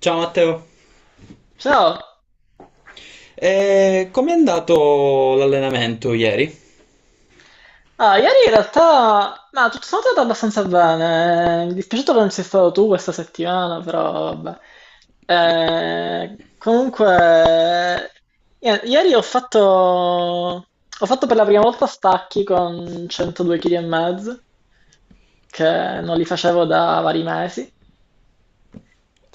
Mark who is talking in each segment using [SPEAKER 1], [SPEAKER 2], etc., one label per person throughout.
[SPEAKER 1] Ciao Matteo,
[SPEAKER 2] Ciao!
[SPEAKER 1] e com'è andato l'allenamento ieri?
[SPEAKER 2] Ah, ieri in realtà, ma tutto sommato è andato abbastanza bene. Mi dispiace che non sei stato tu questa settimana, però vabbè. Comunque, ieri ho fatto per la prima volta stacchi con 102 kg e mezzo, che non li facevo da vari mesi,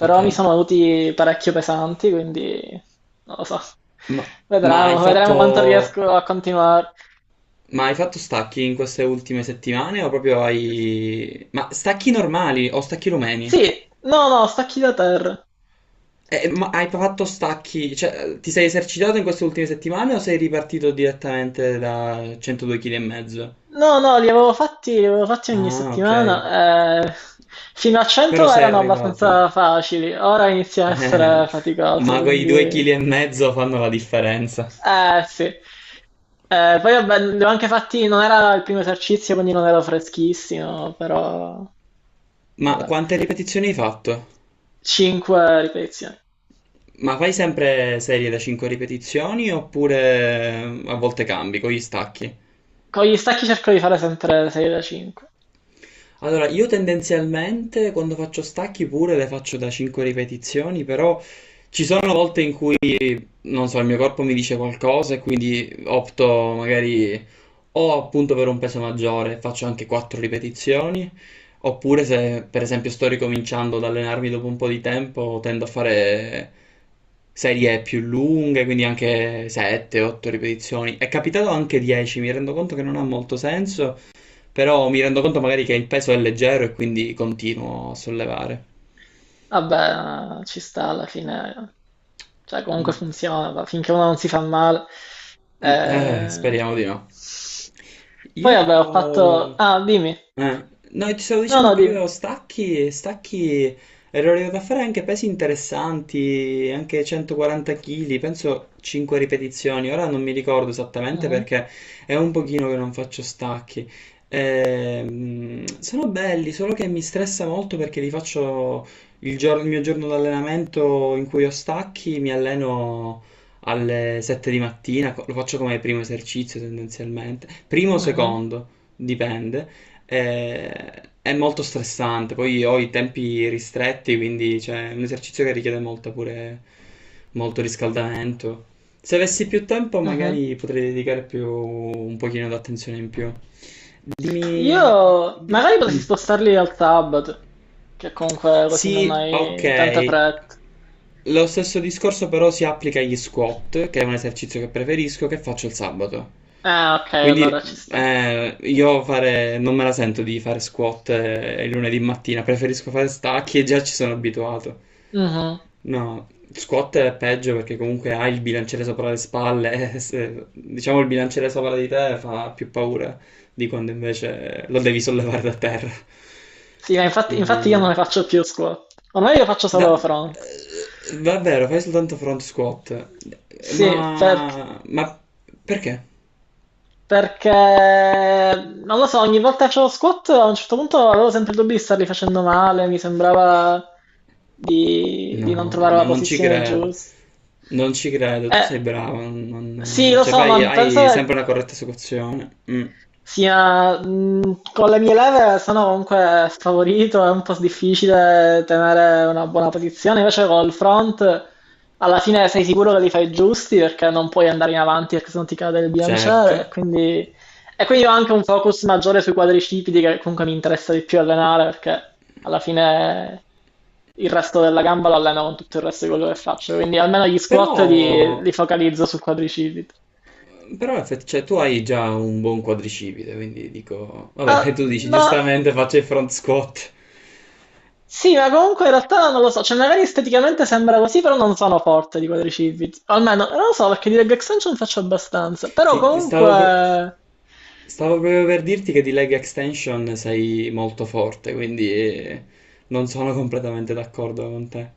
[SPEAKER 1] Ok.
[SPEAKER 2] mi sono venuti parecchio pesanti, quindi non lo so.
[SPEAKER 1] ma, ma hai
[SPEAKER 2] Vedremo quanto
[SPEAKER 1] fatto,
[SPEAKER 2] riesco a continuare.
[SPEAKER 1] ma hai fatto stacchi in queste ultime settimane o proprio hai. Ma stacchi normali o stacchi rumeni?
[SPEAKER 2] Sì, no, no, stacchi da terra.
[SPEAKER 1] Ma hai fatto stacchi, cioè ti sei esercitato in queste ultime settimane o sei ripartito direttamente da 102 kg e mezzo?
[SPEAKER 2] No, no, li avevo fatti ogni
[SPEAKER 1] Ah, ok,
[SPEAKER 2] settimana. Fino a
[SPEAKER 1] però
[SPEAKER 2] 100
[SPEAKER 1] sei
[SPEAKER 2] erano
[SPEAKER 1] arrivato.
[SPEAKER 2] abbastanza facili, ora inizia a
[SPEAKER 1] Eh,
[SPEAKER 2] essere faticoso,
[SPEAKER 1] ma quei 2
[SPEAKER 2] quindi.
[SPEAKER 1] kg e mezzo fanno la differenza.
[SPEAKER 2] Sì. Poi vabbè, li ho anche fatti, non era il primo esercizio, quindi non ero freschissimo, però.
[SPEAKER 1] Ma
[SPEAKER 2] Vabbè.
[SPEAKER 1] quante ripetizioni hai fatto?
[SPEAKER 2] 5 ripetizioni.
[SPEAKER 1] Ma fai sempre serie da 5 ripetizioni oppure a volte cambi con gli stacchi?
[SPEAKER 2] Con gli stacchi cerco di fare sempre 6 da 5.
[SPEAKER 1] Allora, io tendenzialmente quando faccio stacchi pure le faccio da 5 ripetizioni, però ci sono volte in cui, non so, il mio corpo mi dice qualcosa e quindi opto magari o appunto per un peso maggiore faccio anche 4 ripetizioni, oppure se per esempio sto ricominciando ad allenarmi dopo un po' di tempo tendo a fare serie più lunghe, quindi anche 7-8 ripetizioni. È capitato anche 10, mi rendo conto che non ha molto senso. Però mi rendo conto magari che il peso è leggero e quindi continuo a sollevare.
[SPEAKER 2] Vabbè, ci sta alla fine, cioè comunque
[SPEAKER 1] Mm.
[SPEAKER 2] funziona, finché uno non si fa male.
[SPEAKER 1] Mm. Eh,
[SPEAKER 2] Eh,
[SPEAKER 1] speriamo di no.
[SPEAKER 2] Poi
[SPEAKER 1] Io
[SPEAKER 2] vabbè, ho fatto. Ah, dimmi.
[SPEAKER 1] Eh, no, ti stavo
[SPEAKER 2] No,
[SPEAKER 1] dicendo
[SPEAKER 2] no,
[SPEAKER 1] che
[SPEAKER 2] dimmi.
[SPEAKER 1] io stacchi, ero arrivato a fare anche pesi interessanti, anche 140 kg, penso 5 ripetizioni, ora non mi ricordo esattamente
[SPEAKER 2] Mhm,
[SPEAKER 1] perché è un pochino che non faccio stacchi. Sono belli, solo che mi stressa molto perché li faccio il mio giorno d'allenamento in cui ho stacchi, mi alleno alle 7 di mattina, lo faccio come primo esercizio tendenzialmente, primo o
[SPEAKER 2] mhm,
[SPEAKER 1] secondo, dipende. È molto stressante, poi ho i tempi ristretti, quindi cioè, è un esercizio che richiede molto pure molto riscaldamento. Se avessi più tempo,
[SPEAKER 2] mhm.
[SPEAKER 1] magari potrei dedicare più un pochino d'attenzione in più.
[SPEAKER 2] Io
[SPEAKER 1] Dimmi. di-
[SPEAKER 2] magari potresti
[SPEAKER 1] mm.
[SPEAKER 2] spostarli al sabato, che comunque così non
[SPEAKER 1] Sì,
[SPEAKER 2] hai tanta
[SPEAKER 1] ok.
[SPEAKER 2] fretta.
[SPEAKER 1] Lo stesso discorso però si applica agli squat, che è un esercizio che preferisco, che faccio il sabato.
[SPEAKER 2] Ah, ok, allora ci
[SPEAKER 1] Quindi
[SPEAKER 2] sta.
[SPEAKER 1] non me la sento di fare squat il lunedì mattina, preferisco fare stacchi e già ci sono abituato.
[SPEAKER 2] Mhm.
[SPEAKER 1] No, squat è peggio perché comunque hai il bilanciere sopra le spalle, e diciamo il bilanciere sopra di te fa più paura di quando invece lo devi sollevare da terra.
[SPEAKER 2] Sì, ma infatti io non
[SPEAKER 1] Quindi
[SPEAKER 2] ne faccio più squat. Ormai io faccio solo front.
[SPEAKER 1] va vero, fai soltanto front squat.
[SPEAKER 2] Sì. perché
[SPEAKER 1] Ma perché?
[SPEAKER 2] Perché non lo so, ogni volta che facevo squat a un certo punto avevo sempre il dubbio di starli facendo male, mi sembrava di non
[SPEAKER 1] No,
[SPEAKER 2] trovare
[SPEAKER 1] ma
[SPEAKER 2] la
[SPEAKER 1] non ci
[SPEAKER 2] posizione
[SPEAKER 1] credo.
[SPEAKER 2] giusta.
[SPEAKER 1] Non ci credo, tu
[SPEAKER 2] Eh,
[SPEAKER 1] sei bravo. non-
[SPEAKER 2] sì,
[SPEAKER 1] non-
[SPEAKER 2] lo
[SPEAKER 1] cioè,
[SPEAKER 2] so, ma penso
[SPEAKER 1] hai
[SPEAKER 2] che
[SPEAKER 1] sempre una corretta esecuzione. Mm,
[SPEAKER 2] sì, ma, con le mie leve sono comunque sfavorito, è un po' difficile tenere una buona posizione, invece col front alla fine sei sicuro che li fai giusti perché non puoi andare in avanti perché sennò ti cade il bilanciere
[SPEAKER 1] certo.
[SPEAKER 2] e quindi ho anche un focus maggiore sui quadricipiti che comunque mi interessa di più allenare perché alla fine il resto della gamba lo alleno con tutto il resto di quello che faccio, quindi almeno gli
[SPEAKER 1] Però,
[SPEAKER 2] squat li focalizzo sul quadricipite.
[SPEAKER 1] però cioè, tu hai già un buon quadricipite, quindi dico. Vabbè,
[SPEAKER 2] Ah,
[SPEAKER 1] e tu dici,
[SPEAKER 2] ma
[SPEAKER 1] giustamente faccio il front squat.
[SPEAKER 2] Sì, ma comunque in realtà non lo so, cioè magari esteticamente sembra così, però non sono forte di quadricipiti. Almeno, non lo so, perché di leg extension faccio abbastanza. Però
[SPEAKER 1] I- Stavo... pro-
[SPEAKER 2] comunque.
[SPEAKER 1] Stavo proprio per dirti che di leg extension sei molto forte, quindi non sono completamente d'accordo con te.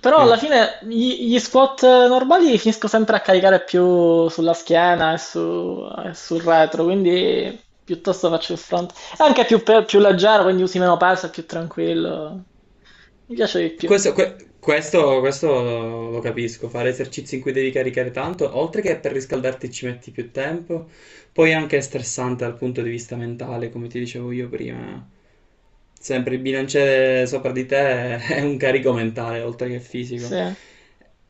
[SPEAKER 2] Però
[SPEAKER 1] Eh,
[SPEAKER 2] alla fine gli squat normali finisco sempre a caricare più sulla schiena e sul retro, quindi piuttosto faccio il front. È anche più leggero, quindi usi meno peso, è più tranquillo. Mi piace di più.
[SPEAKER 1] questo lo capisco, fare esercizi in cui devi caricare tanto, oltre che per riscaldarti ci metti più tempo, poi anche è stressante dal punto di vista mentale, come ti dicevo io prima. Sempre il bilanciere sopra di te è un carico mentale, oltre che fisico.
[SPEAKER 2] Sì.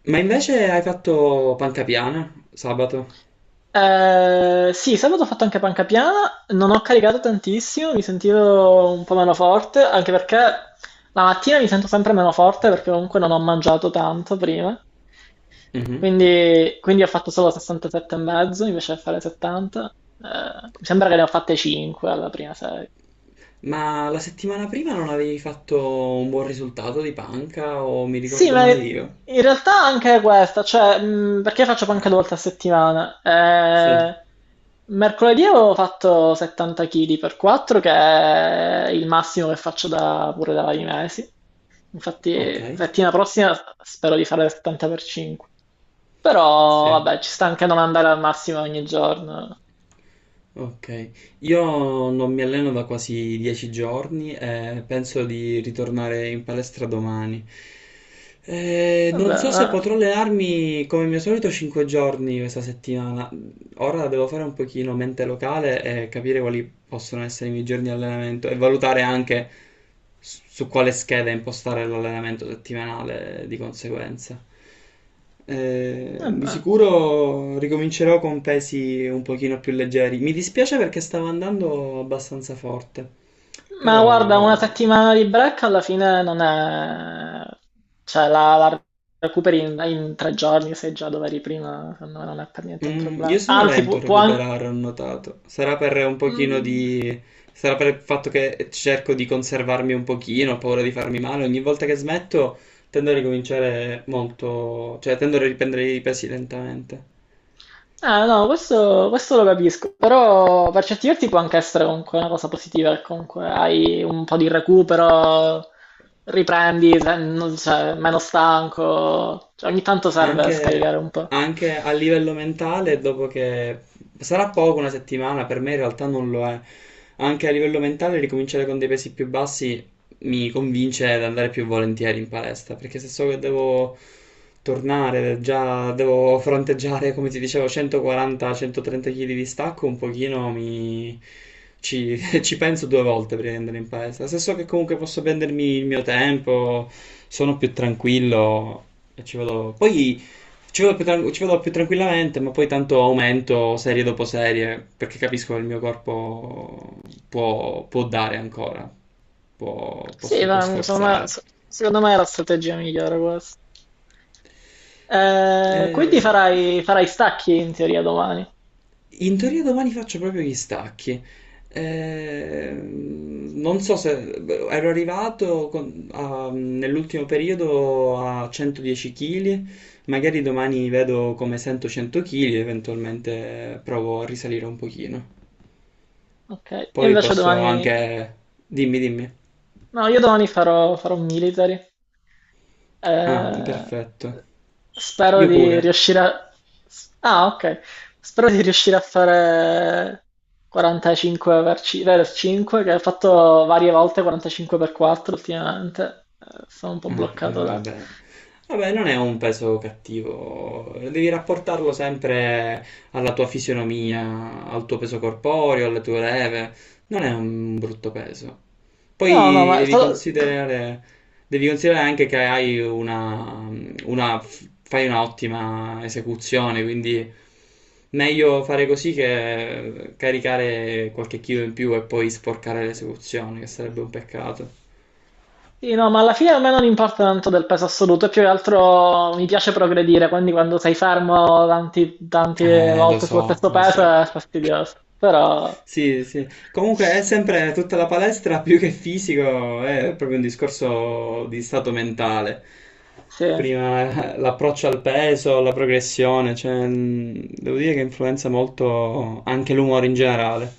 [SPEAKER 1] Ma invece hai fatto panca piana sabato?
[SPEAKER 2] Sì, sabato ho fatto anche panca piana, non ho caricato tantissimo, mi sentivo un po' meno forte, anche perché la mattina mi sento sempre meno forte perché comunque non ho mangiato tanto prima.
[SPEAKER 1] Mhm.
[SPEAKER 2] Quindi ho fatto solo 67 e mezzo invece di fare 70. Mi sembra che ne ho fatte 5 alla prima serie.
[SPEAKER 1] Ma la settimana prima non avevi fatto un buon risultato di panca o mi
[SPEAKER 2] Sì,
[SPEAKER 1] ricordo
[SPEAKER 2] ma
[SPEAKER 1] male io?
[SPEAKER 2] in realtà anche questa, cioè, perché faccio panca due volte a settimana?
[SPEAKER 1] Sì,
[SPEAKER 2] Mercoledì avevo fatto 70 kg per 4, che è il massimo che faccio pure da vari mesi.
[SPEAKER 1] ok,
[SPEAKER 2] Infatti, settimana prossima spero di fare 70 per 5. Però,
[SPEAKER 1] sì,
[SPEAKER 2] vabbè, ci sta anche non andare al massimo ogni giorno.
[SPEAKER 1] ok. Io non mi alleno da quasi 10 giorni e penso di ritornare in palestra domani. Non
[SPEAKER 2] Vabbè,
[SPEAKER 1] so se potrò allenarmi come mio solito 5 giorni questa settimana, ora devo fare un pochino mente locale e capire quali possono essere i miei giorni di allenamento e valutare anche su quale scheda impostare l'allenamento settimanale di conseguenza. Di
[SPEAKER 2] vabbè.
[SPEAKER 1] sicuro ricomincerò con pesi un pochino più leggeri. Mi dispiace perché stavo andando abbastanza forte,
[SPEAKER 2] Ma guarda, una
[SPEAKER 1] però
[SPEAKER 2] settimana di break alla fine non è. Cioè la recuperi in 3 giorni, sei già dove eri prima, secondo me non è per niente un
[SPEAKER 1] Mm, io
[SPEAKER 2] problema.
[SPEAKER 1] sono
[SPEAKER 2] Anzi,
[SPEAKER 1] lento a
[SPEAKER 2] può, anche.
[SPEAKER 1] recuperare, ho notato. Sarà per il fatto che cerco di conservarmi un pochino, ho paura di farmi male. Ogni volta che smetto tendo a ricominciare molto. Cioè, tendo a riprendere i pesi lentamente.
[SPEAKER 2] Ah no, questo lo capisco, però per certi versi può anche essere comunque una cosa positiva, che comunque hai un po' di recupero, riprendi, cioè, meno stanco, cioè, ogni tanto serve
[SPEAKER 1] Anche,
[SPEAKER 2] scaricare un po'.
[SPEAKER 1] anche a livello mentale, dopo che sarà poco una settimana, per me in realtà non lo è. Anche a livello mentale, ricominciare con dei pesi più bassi mi convince ad andare più volentieri in palestra, perché se so che devo tornare, già devo fronteggiare, come ti dicevo, 140-130 kg di stacco, un pochino mi. Ci, ci penso due volte prima di andare in palestra. Se so che comunque posso prendermi il mio tempo, sono più tranquillo, e ci vado. Poi ci vado più tranquillamente, ma poi tanto aumento serie dopo serie perché capisco che il mio corpo può dare ancora, può, può
[SPEAKER 2] Sì,
[SPEAKER 1] s- può
[SPEAKER 2] ma insomma,
[SPEAKER 1] sforzare.
[SPEAKER 2] secondo me è la strategia migliore questa. Quindi
[SPEAKER 1] E
[SPEAKER 2] farai stacchi in teoria domani.
[SPEAKER 1] In teoria domani faccio proprio gli stacchi. Non so se ero arrivato nell'ultimo periodo a 110 kg, magari domani vedo come sento 100 kg e eventualmente provo a risalire un pochino.
[SPEAKER 2] Ok, io
[SPEAKER 1] Poi
[SPEAKER 2] invece
[SPEAKER 1] posso
[SPEAKER 2] domani.
[SPEAKER 1] anche. Dimmi, dimmi.
[SPEAKER 2] No, io domani farò military.
[SPEAKER 1] Ah,
[SPEAKER 2] Eh,
[SPEAKER 1] perfetto.
[SPEAKER 2] spero
[SPEAKER 1] Io
[SPEAKER 2] di
[SPEAKER 1] pure.
[SPEAKER 2] riuscire a. Ah, ok. Spero di riuscire a fare 45 per 5, che ho fatto varie volte 45 per 4 ultimamente. Sono un po'
[SPEAKER 1] Eh, eh,
[SPEAKER 2] bloccato da.
[SPEAKER 1] vabbè. Vabbè, non è un peso cattivo, devi rapportarlo sempre alla tua fisionomia, al tuo peso corporeo, alle tue leve, non è un brutto peso.
[SPEAKER 2] No, no,
[SPEAKER 1] Poi
[SPEAKER 2] ma è stato.
[SPEAKER 1] devi considerare anche che una- fai un'ottima esecuzione, quindi meglio fare così che caricare qualche chilo in più e poi sporcare l'esecuzione, che sarebbe un peccato.
[SPEAKER 2] Sì, no, ma alla fine a me non importa tanto del peso assoluto, è più che altro mi piace progredire, quindi quando sei fermo tante
[SPEAKER 1] Lo
[SPEAKER 2] volte sullo
[SPEAKER 1] so,
[SPEAKER 2] stesso
[SPEAKER 1] lo
[SPEAKER 2] peso
[SPEAKER 1] so.
[SPEAKER 2] è fastidioso, però
[SPEAKER 1] Sì, sì. Comunque è sempre tutta la palestra più che fisico, è proprio un discorso di stato mentale.
[SPEAKER 2] sì, è
[SPEAKER 1] Prima l'approccio al peso, la progressione, cioè, devo dire che influenza molto anche l'umore in generale.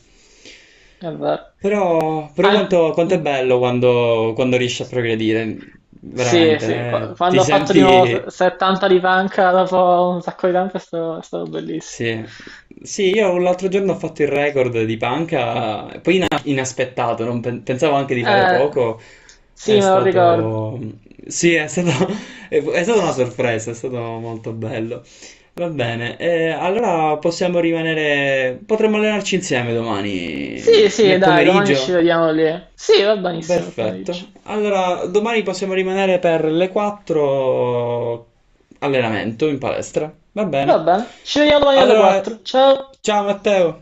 [SPEAKER 2] vero.
[SPEAKER 1] Però
[SPEAKER 2] An-
[SPEAKER 1] quanto è
[SPEAKER 2] mm.
[SPEAKER 1] bello quando riesci a progredire,
[SPEAKER 2] Sì,
[SPEAKER 1] veramente,
[SPEAKER 2] sì,
[SPEAKER 1] eh.
[SPEAKER 2] quando ho fatto di nuovo 70 di panca dopo un sacco di tempo è stato bellissimo.
[SPEAKER 1] Sì. Sì, io l'altro giorno ho fatto il record di panca, poi inaspettato, non pensavo anche di fare
[SPEAKER 2] Eh,
[SPEAKER 1] poco.
[SPEAKER 2] sì,
[SPEAKER 1] È
[SPEAKER 2] me lo ricordo.
[SPEAKER 1] stato... Sì, è stata una sorpresa, è stato molto bello. Va bene, allora potremmo allenarci insieme
[SPEAKER 2] Sì,
[SPEAKER 1] domani, nel
[SPEAKER 2] sì, dai, domani ci
[SPEAKER 1] pomeriggio?
[SPEAKER 2] vediamo lì. Sì, va benissimo il pomeriggio.
[SPEAKER 1] Perfetto. Allora, domani possiamo rimanere per le 4 allenamento in palestra. Va
[SPEAKER 2] Va
[SPEAKER 1] bene.
[SPEAKER 2] bene, ci vediamo domani alle
[SPEAKER 1] Allora,
[SPEAKER 2] quattro, ciao!
[SPEAKER 1] ciao Matteo.